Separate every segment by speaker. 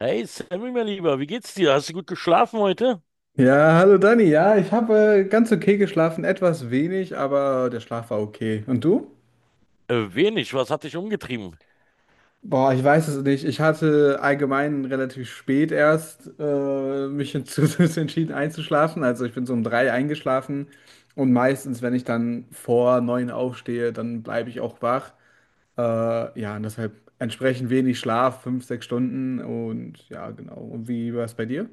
Speaker 1: Hey Sammy, mein Lieber, wie geht's dir? Hast du gut geschlafen heute?
Speaker 2: Ja, hallo Dani. Ja, ich habe ganz okay geschlafen, etwas wenig, aber der Schlaf war okay. Und du?
Speaker 1: Wenig, was hat dich umgetrieben?
Speaker 2: Boah, ich weiß es nicht. Ich hatte allgemein relativ spät erst mich dazu entschieden einzuschlafen. Also ich bin so um drei eingeschlafen und meistens, wenn ich dann vor neun aufstehe, dann bleibe ich auch wach. Ja, und deshalb entsprechend wenig Schlaf, fünf, sechs Stunden und ja, genau. Und wie war es bei dir?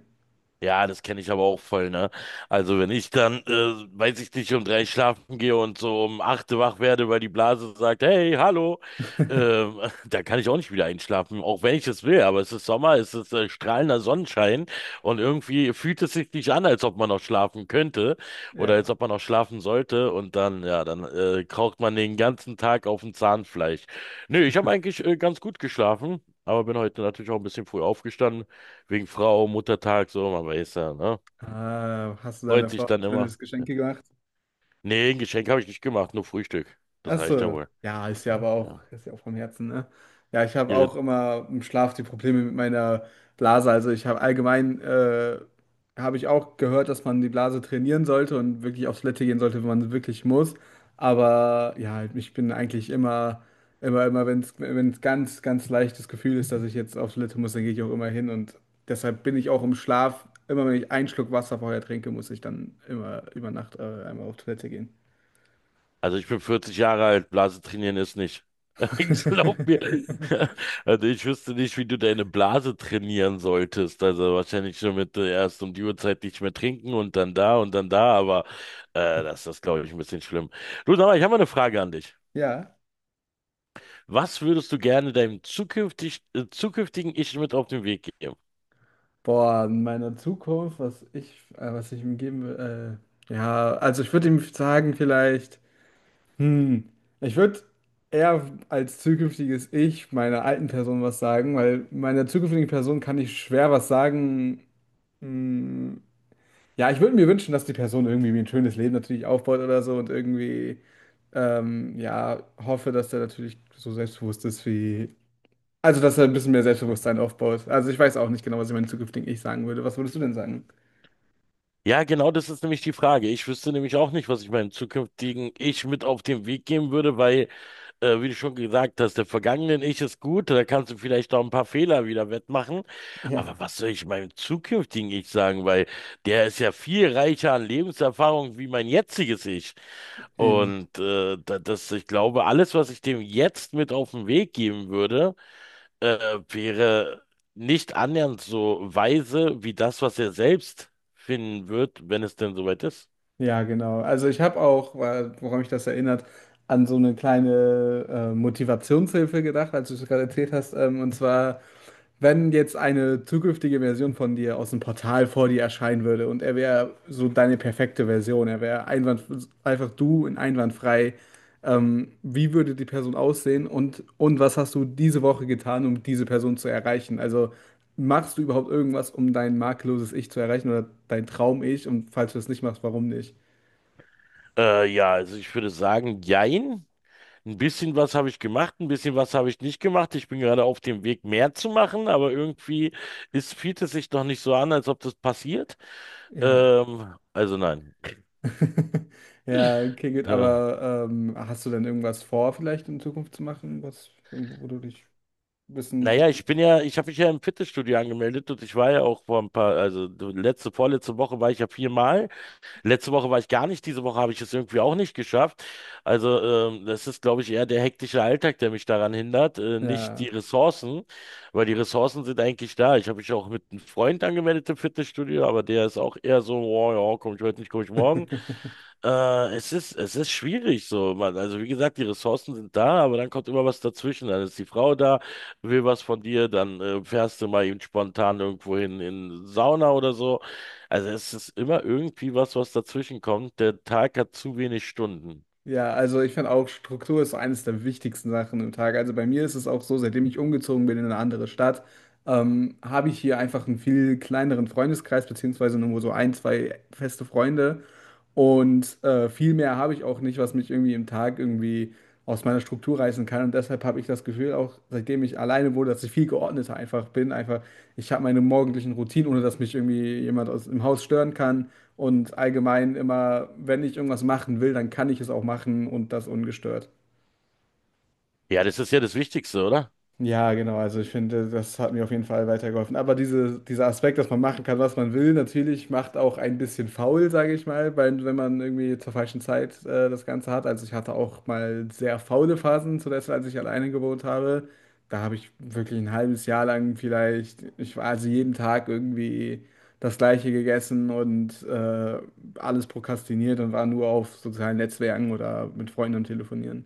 Speaker 1: Ja, das kenne ich aber auch voll, ne? Also wenn ich dann, weiß ich nicht, um drei schlafen gehe und so um acht wach werde, weil die Blase sagt, hey, hallo, ähm, da kann ich auch nicht wieder einschlafen, auch wenn ich es will, aber es ist Sommer, es ist strahlender Sonnenschein und irgendwie fühlt es sich nicht an, als ob man noch schlafen könnte oder als
Speaker 2: Ja.
Speaker 1: ob man noch schlafen sollte. Und dann, ja, dann kraucht man den ganzen Tag auf dem Zahnfleisch. Nö, ich habe eigentlich ganz gut geschlafen, aber bin heute natürlich auch ein bisschen früh aufgestanden. Wegen Frau, Muttertag, so, man weiß ja, ne?
Speaker 2: Ah, hast du deiner
Speaker 1: Freut
Speaker 2: Frau
Speaker 1: sich
Speaker 2: ein
Speaker 1: dann
Speaker 2: schönes
Speaker 1: immer. Ja.
Speaker 2: Geschenk gemacht?
Speaker 1: Nee, ein Geschenk habe ich nicht gemacht, nur Frühstück. Das
Speaker 2: Ach
Speaker 1: reicht ja
Speaker 2: so.
Speaker 1: wohl.
Speaker 2: Ja, ist ja aber auch,
Speaker 1: Ja.
Speaker 2: ist ja auch vom Herzen, ne? Ja, ich habe
Speaker 1: Ihre.
Speaker 2: auch immer im Schlaf die Probleme mit meiner Blase. Also ich habe allgemein, habe ich auch gehört, dass man die Blase trainieren sollte und wirklich aufs Toilette gehen sollte, wenn man wirklich muss. Aber ja, halt, ich bin eigentlich immer, wenn wenn es ganz, ganz leichtes Gefühl ist, dass ich jetzt aufs Toilette muss, dann gehe ich auch immer hin. Und deshalb bin ich auch im Schlaf, immer wenn ich einen Schluck Wasser vorher trinke, muss ich dann immer über Nacht, einmal auf Toilette gehen.
Speaker 1: Also ich bin 40 Jahre alt, Blase trainieren ist nicht. Ich glaub mir. Also ich wüsste nicht, wie du deine Blase trainieren solltest. Also wahrscheinlich nur mit erst um die Uhrzeit nicht mehr trinken und dann da, aber das ist, glaube ich, ein bisschen schlimm. Du, aber ich habe mal eine Frage an dich.
Speaker 2: Ja.
Speaker 1: Was würdest du gerne deinem zukünftigen Ich mit auf den Weg geben?
Speaker 2: Boah, in meiner Zukunft, was ich ihm geben will, ja, also ich würde ihm sagen, vielleicht, hm, ich würde eher als zukünftiges Ich meiner alten Person was sagen, weil meiner zukünftigen Person kann ich schwer was sagen. Hm, ja, ich würde mir wünschen, dass die Person irgendwie mir ein schönes Leben natürlich aufbaut oder so und irgendwie, ja, hoffe, dass der natürlich so selbstbewusst ist, also dass er ein bisschen mehr Selbstbewusstsein aufbaut. Also ich weiß auch nicht genau, was ich meinem zukünftigen Ich sagen würde. Was würdest du denn sagen?
Speaker 1: Ja, genau, das ist nämlich die Frage. Ich wüsste nämlich auch nicht, was ich meinem zukünftigen Ich mit auf den Weg geben würde, weil wie du schon gesagt hast, der vergangenen Ich ist gut, da kannst du vielleicht auch ein paar Fehler wieder wettmachen.
Speaker 2: Ja,
Speaker 1: Aber was soll ich meinem zukünftigen Ich sagen? Weil der ist ja viel reicher an Lebenserfahrung wie mein jetziges Ich.
Speaker 2: eben.
Speaker 1: Und das, ich glaube, alles, was ich dem jetzt mit auf den Weg geben würde, äh, wäre nicht annähernd so weise wie das, was er selbst finden wird, wenn es denn soweit ist.
Speaker 2: Ja, genau. Also ich habe auch, woran mich das erinnert, an so eine kleine Motivationshilfe gedacht, als du es gerade erzählt hast. Und zwar wenn jetzt eine zukünftige Version von dir aus dem Portal vor dir erscheinen würde und er wäre so deine perfekte Version, einfach du in einwandfrei, wie würde die Person aussehen und was hast du diese Woche getan, um diese Person zu erreichen? Also machst du überhaupt irgendwas, um dein makelloses Ich zu erreichen oder dein Traum-Ich? Und falls du es nicht machst, warum nicht?
Speaker 1: Ja, also ich würde sagen, jein. Ein bisschen was habe ich gemacht, ein bisschen was habe ich nicht gemacht. Ich bin gerade auf dem Weg, mehr zu machen, aber irgendwie fühlt es sich noch nicht so an, als ob das passiert.
Speaker 2: Ja.
Speaker 1: Also nein.
Speaker 2: Ja, okay, gut,
Speaker 1: Äh,
Speaker 2: aber hast du denn irgendwas vor, vielleicht in Zukunft zu machen, wo du dich ein bisschen.
Speaker 1: naja, ich habe mich ja im Fitnessstudio angemeldet und ich war ja auch vor ein paar, also vorletzte Woche war ich ja viermal. Letzte Woche war ich gar nicht, diese Woche habe ich es irgendwie auch nicht geschafft. Also das ist, glaube ich, eher der hektische Alltag, der mich daran hindert, nicht
Speaker 2: Ja,
Speaker 1: die Ressourcen, weil die Ressourcen sind eigentlich da. Ich habe mich auch mit einem Freund angemeldet im Fitnessstudio, aber der ist auch eher so, oh, ja, komm ich heute nicht, komm ich morgen. Es ist schwierig so, Mann. Also wie gesagt, die Ressourcen sind da, aber dann kommt immer was dazwischen. Dann ist die Frau da, will was von dir, dann fährst du mal eben spontan irgendwo hin in Sauna oder so. Also es ist immer irgendwie was, was dazwischen kommt. Der Tag hat zu wenig Stunden.
Speaker 2: ja, also ich finde auch, Struktur ist so eines der wichtigsten Sachen im Tag. Also bei mir ist es auch so, seitdem ich umgezogen bin in eine andere Stadt, habe ich hier einfach einen viel kleineren Freundeskreis, beziehungsweise nur so ein, zwei feste Freunde. Und viel mehr habe ich auch nicht, was mich irgendwie im Tag irgendwie aus meiner Struktur reißen kann. Und deshalb habe ich das Gefühl, auch seitdem ich alleine wurde, dass ich viel geordneter einfach bin. Einfach, ich habe meine morgendlichen Routinen, ohne dass mich irgendwie jemand aus im Haus stören kann. Und allgemein immer, wenn ich irgendwas machen will, dann kann ich es auch machen und das ungestört.
Speaker 1: Ja, das ist ja das Wichtigste, oder?
Speaker 2: Ja, genau. Also ich finde, das hat mir auf jeden Fall weitergeholfen. Aber dieser Aspekt, dass man machen kann, was man will, natürlich macht auch ein bisschen faul, sage ich mal, weil, wenn man irgendwie zur falschen Zeit das Ganze hat. Also ich hatte auch mal sehr faule Phasen, zuletzt als ich alleine gewohnt habe. Da habe ich wirklich ein halbes Jahr lang vielleicht, ich war also jeden Tag irgendwie das Gleiche gegessen und alles prokrastiniert und war nur auf sozialen Netzwerken oder mit Freunden am Telefonieren.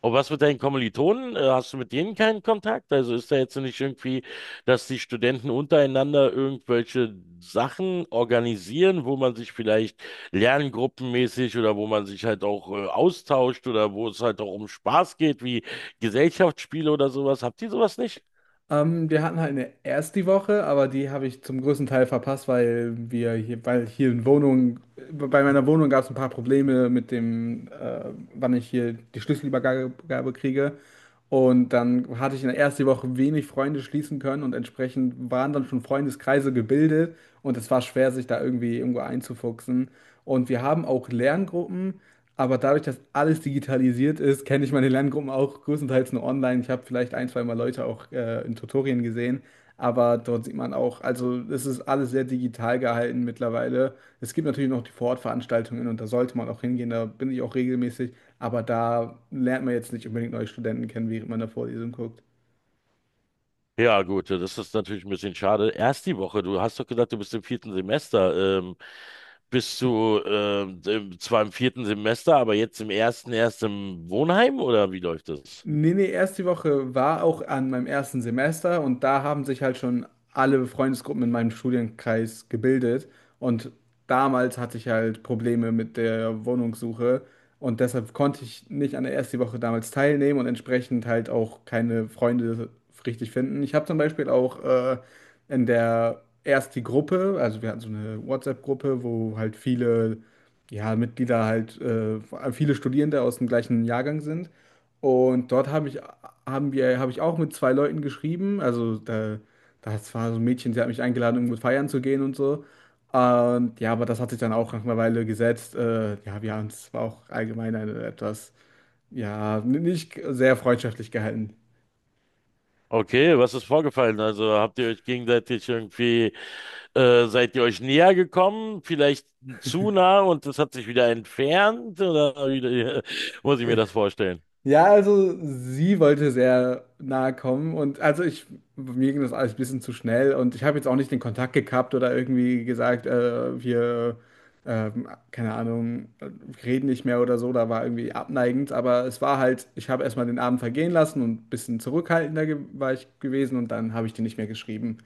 Speaker 1: Und was mit deinen Kommilitonen? Hast du mit denen keinen Kontakt? Also ist da jetzt nicht irgendwie, dass die Studenten untereinander irgendwelche Sachen organisieren, wo man sich vielleicht lerngruppenmäßig oder wo man sich halt auch austauscht oder wo es halt auch um Spaß geht, wie Gesellschaftsspiele oder sowas? Habt ihr sowas nicht?
Speaker 2: Wir hatten halt eine erste Woche, aber die habe ich zum größten Teil verpasst, weil hier in Wohnung, bei meiner Wohnung gab es ein paar Probleme mit dem, wann ich hier die Schlüsselübergabe Gabe kriege. Und dann hatte ich in der ersten Woche wenig Freunde schließen können und entsprechend waren dann schon Freundeskreise gebildet und es war schwer, sich da irgendwie irgendwo einzufuchsen. Und wir haben auch Lerngruppen. Aber dadurch, dass alles digitalisiert ist, kenne ich meine Lerngruppen auch größtenteils nur online. Ich habe vielleicht ein, zwei Mal Leute auch in Tutorien gesehen, aber dort sieht man auch, also es ist alles sehr digital gehalten mittlerweile. Es gibt natürlich noch die Vorortveranstaltungen und da sollte man auch hingehen, da bin ich auch regelmäßig, aber da lernt man jetzt nicht unbedingt neue Studenten kennen, während man da Vorlesung guckt.
Speaker 1: Ja, gut, das ist natürlich ein bisschen schade. Erst die Woche, du hast doch gesagt, du bist im vierten Semester. Bist du zwar im vierten Semester, aber jetzt im ersten erst im Wohnheim oder wie läuft das?
Speaker 2: Nee, erst die Woche war auch an meinem ersten Semester und da haben sich halt schon alle Freundesgruppen in meinem Studienkreis gebildet. Und damals hatte ich halt Probleme mit der Wohnungssuche und deshalb konnte ich nicht an der ersten Woche damals teilnehmen und entsprechend halt auch keine Freunde richtig finden. Ich habe zum Beispiel auch in der ersten Gruppe, also wir hatten so eine WhatsApp-Gruppe, wo halt viele ja, Mitglieder, viele Studierende aus dem gleichen Jahrgang sind. Und dort habe ich auch mit zwei Leuten geschrieben. Das war so ein Mädchen, sie hat mich eingeladen, irgendwo feiern zu gehen und so. Und ja, aber das hat sich dann auch nach einer Weile gesetzt. Ja, wir haben es war auch allgemein etwas, ja, nicht sehr freundschaftlich gehalten.
Speaker 1: Okay, was ist vorgefallen? Also habt ihr euch gegenseitig irgendwie, seid ihr euch näher gekommen? Vielleicht zu nah und das hat sich wieder entfernt? Oder wie, muss ich mir das vorstellen?
Speaker 2: Ja, also sie wollte sehr nahe kommen und mir ging das alles ein bisschen zu schnell und ich habe jetzt auch nicht den Kontakt gekappt oder irgendwie gesagt, keine Ahnung, reden nicht mehr oder so, da war irgendwie abneigend, aber es war halt, ich habe erstmal den Abend vergehen lassen und ein bisschen zurückhaltender war ich gewesen und dann habe ich die nicht mehr geschrieben.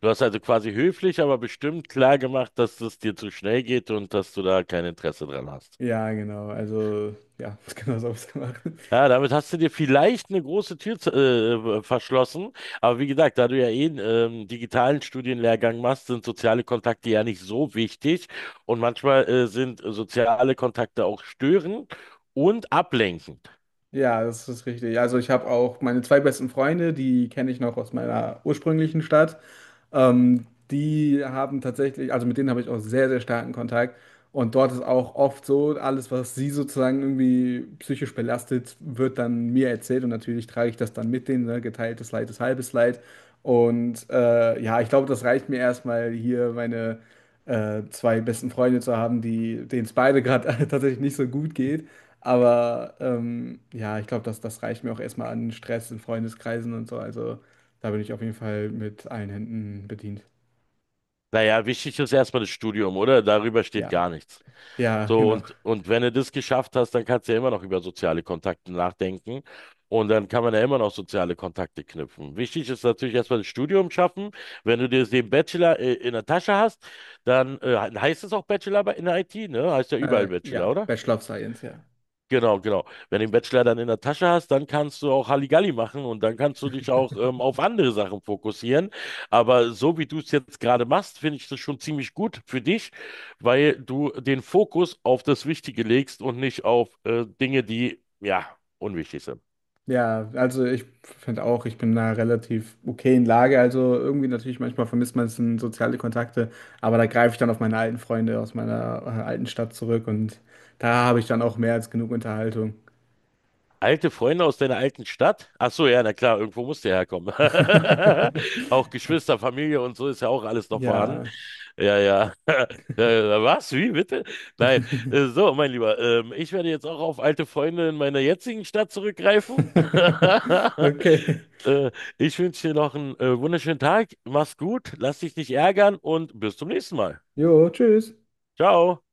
Speaker 1: Du hast also quasi höflich, aber bestimmt klar gemacht, dass es dir zu schnell geht und dass du da kein Interesse dran hast.
Speaker 2: Ja, genau, also ja, genau so habe ich es gemacht.
Speaker 1: Ja, damit hast du dir vielleicht eine große Tür verschlossen. Aber wie gesagt, da du ja eh einen digitalen Studienlehrgang machst, sind soziale Kontakte ja nicht so wichtig. Und manchmal sind soziale Kontakte auch störend und ablenkend.
Speaker 2: Ja, das ist richtig. Also ich habe auch meine zwei besten Freunde, die kenne ich noch aus meiner ursprünglichen Stadt. Die haben tatsächlich, also mit denen habe ich auch sehr, sehr starken Kontakt. Und dort ist auch oft so, alles, was sie sozusagen irgendwie psychisch belastet, wird dann mir erzählt. Und natürlich trage ich das dann mit denen, ne? Geteiltes Leid ist halbes Leid. Und ja, ich glaube, das reicht mir erstmal hier meine zwei besten Freunde zu haben, die, denen es beide gerade tatsächlich nicht so gut geht. Aber ja, ich glaube, das reicht mir auch erstmal an Stress in Freundeskreisen und so. Also da bin ich auf jeden Fall mit allen Händen bedient.
Speaker 1: Naja, wichtig ist erstmal das Studium, oder? Darüber steht
Speaker 2: Ja,
Speaker 1: gar nichts.
Speaker 2: ja,
Speaker 1: So,
Speaker 2: genau.
Speaker 1: und wenn du das geschafft hast, dann kannst du ja immer noch über soziale Kontakte nachdenken. Und dann kann man ja immer noch soziale Kontakte knüpfen. Wichtig ist natürlich erstmal das Studium schaffen. Wenn du dir den Bachelor in der Tasche hast, dann heißt es auch in der IT, ne? Heißt ja überall Bachelor,
Speaker 2: Ja,
Speaker 1: oder?
Speaker 2: Bachelor of Science, ja.
Speaker 1: Genau, genau. Wenn du den Bachelor dann in der Tasche hast, dann kannst du auch Halligalli machen und dann kannst du dich auch auf andere Sachen fokussieren. Aber so wie du es jetzt gerade machst, finde ich das schon ziemlich gut für dich, weil du den Fokus auf das Wichtige legst und nicht auf Dinge, die, ja, unwichtig sind.
Speaker 2: Ja, also ich finde auch, ich bin in einer relativ okayen Lage. Also irgendwie natürlich manchmal vermisst man es in soziale Kontakte, aber da greife ich dann auf meine alten Freunde aus meiner alten Stadt zurück und da habe ich dann auch mehr als genug Unterhaltung.
Speaker 1: Alte Freunde aus deiner alten Stadt? Ach so, ja, na klar, irgendwo musst du ja herkommen. Auch Geschwister, Familie und so ist ja auch alles noch vorhanden.
Speaker 2: Ja.
Speaker 1: Ja, ja. Was? Wie bitte? Nein. So, mein Lieber, ich werde jetzt auch auf alte Freunde in meiner jetzigen Stadt zurückgreifen.
Speaker 2: Okay.
Speaker 1: Äh, Ich wünsche dir noch einen wunderschönen Tag. Mach's gut, lass dich nicht ärgern und bis zum nächsten Mal.
Speaker 2: Jo, tschüss.
Speaker 1: Ciao.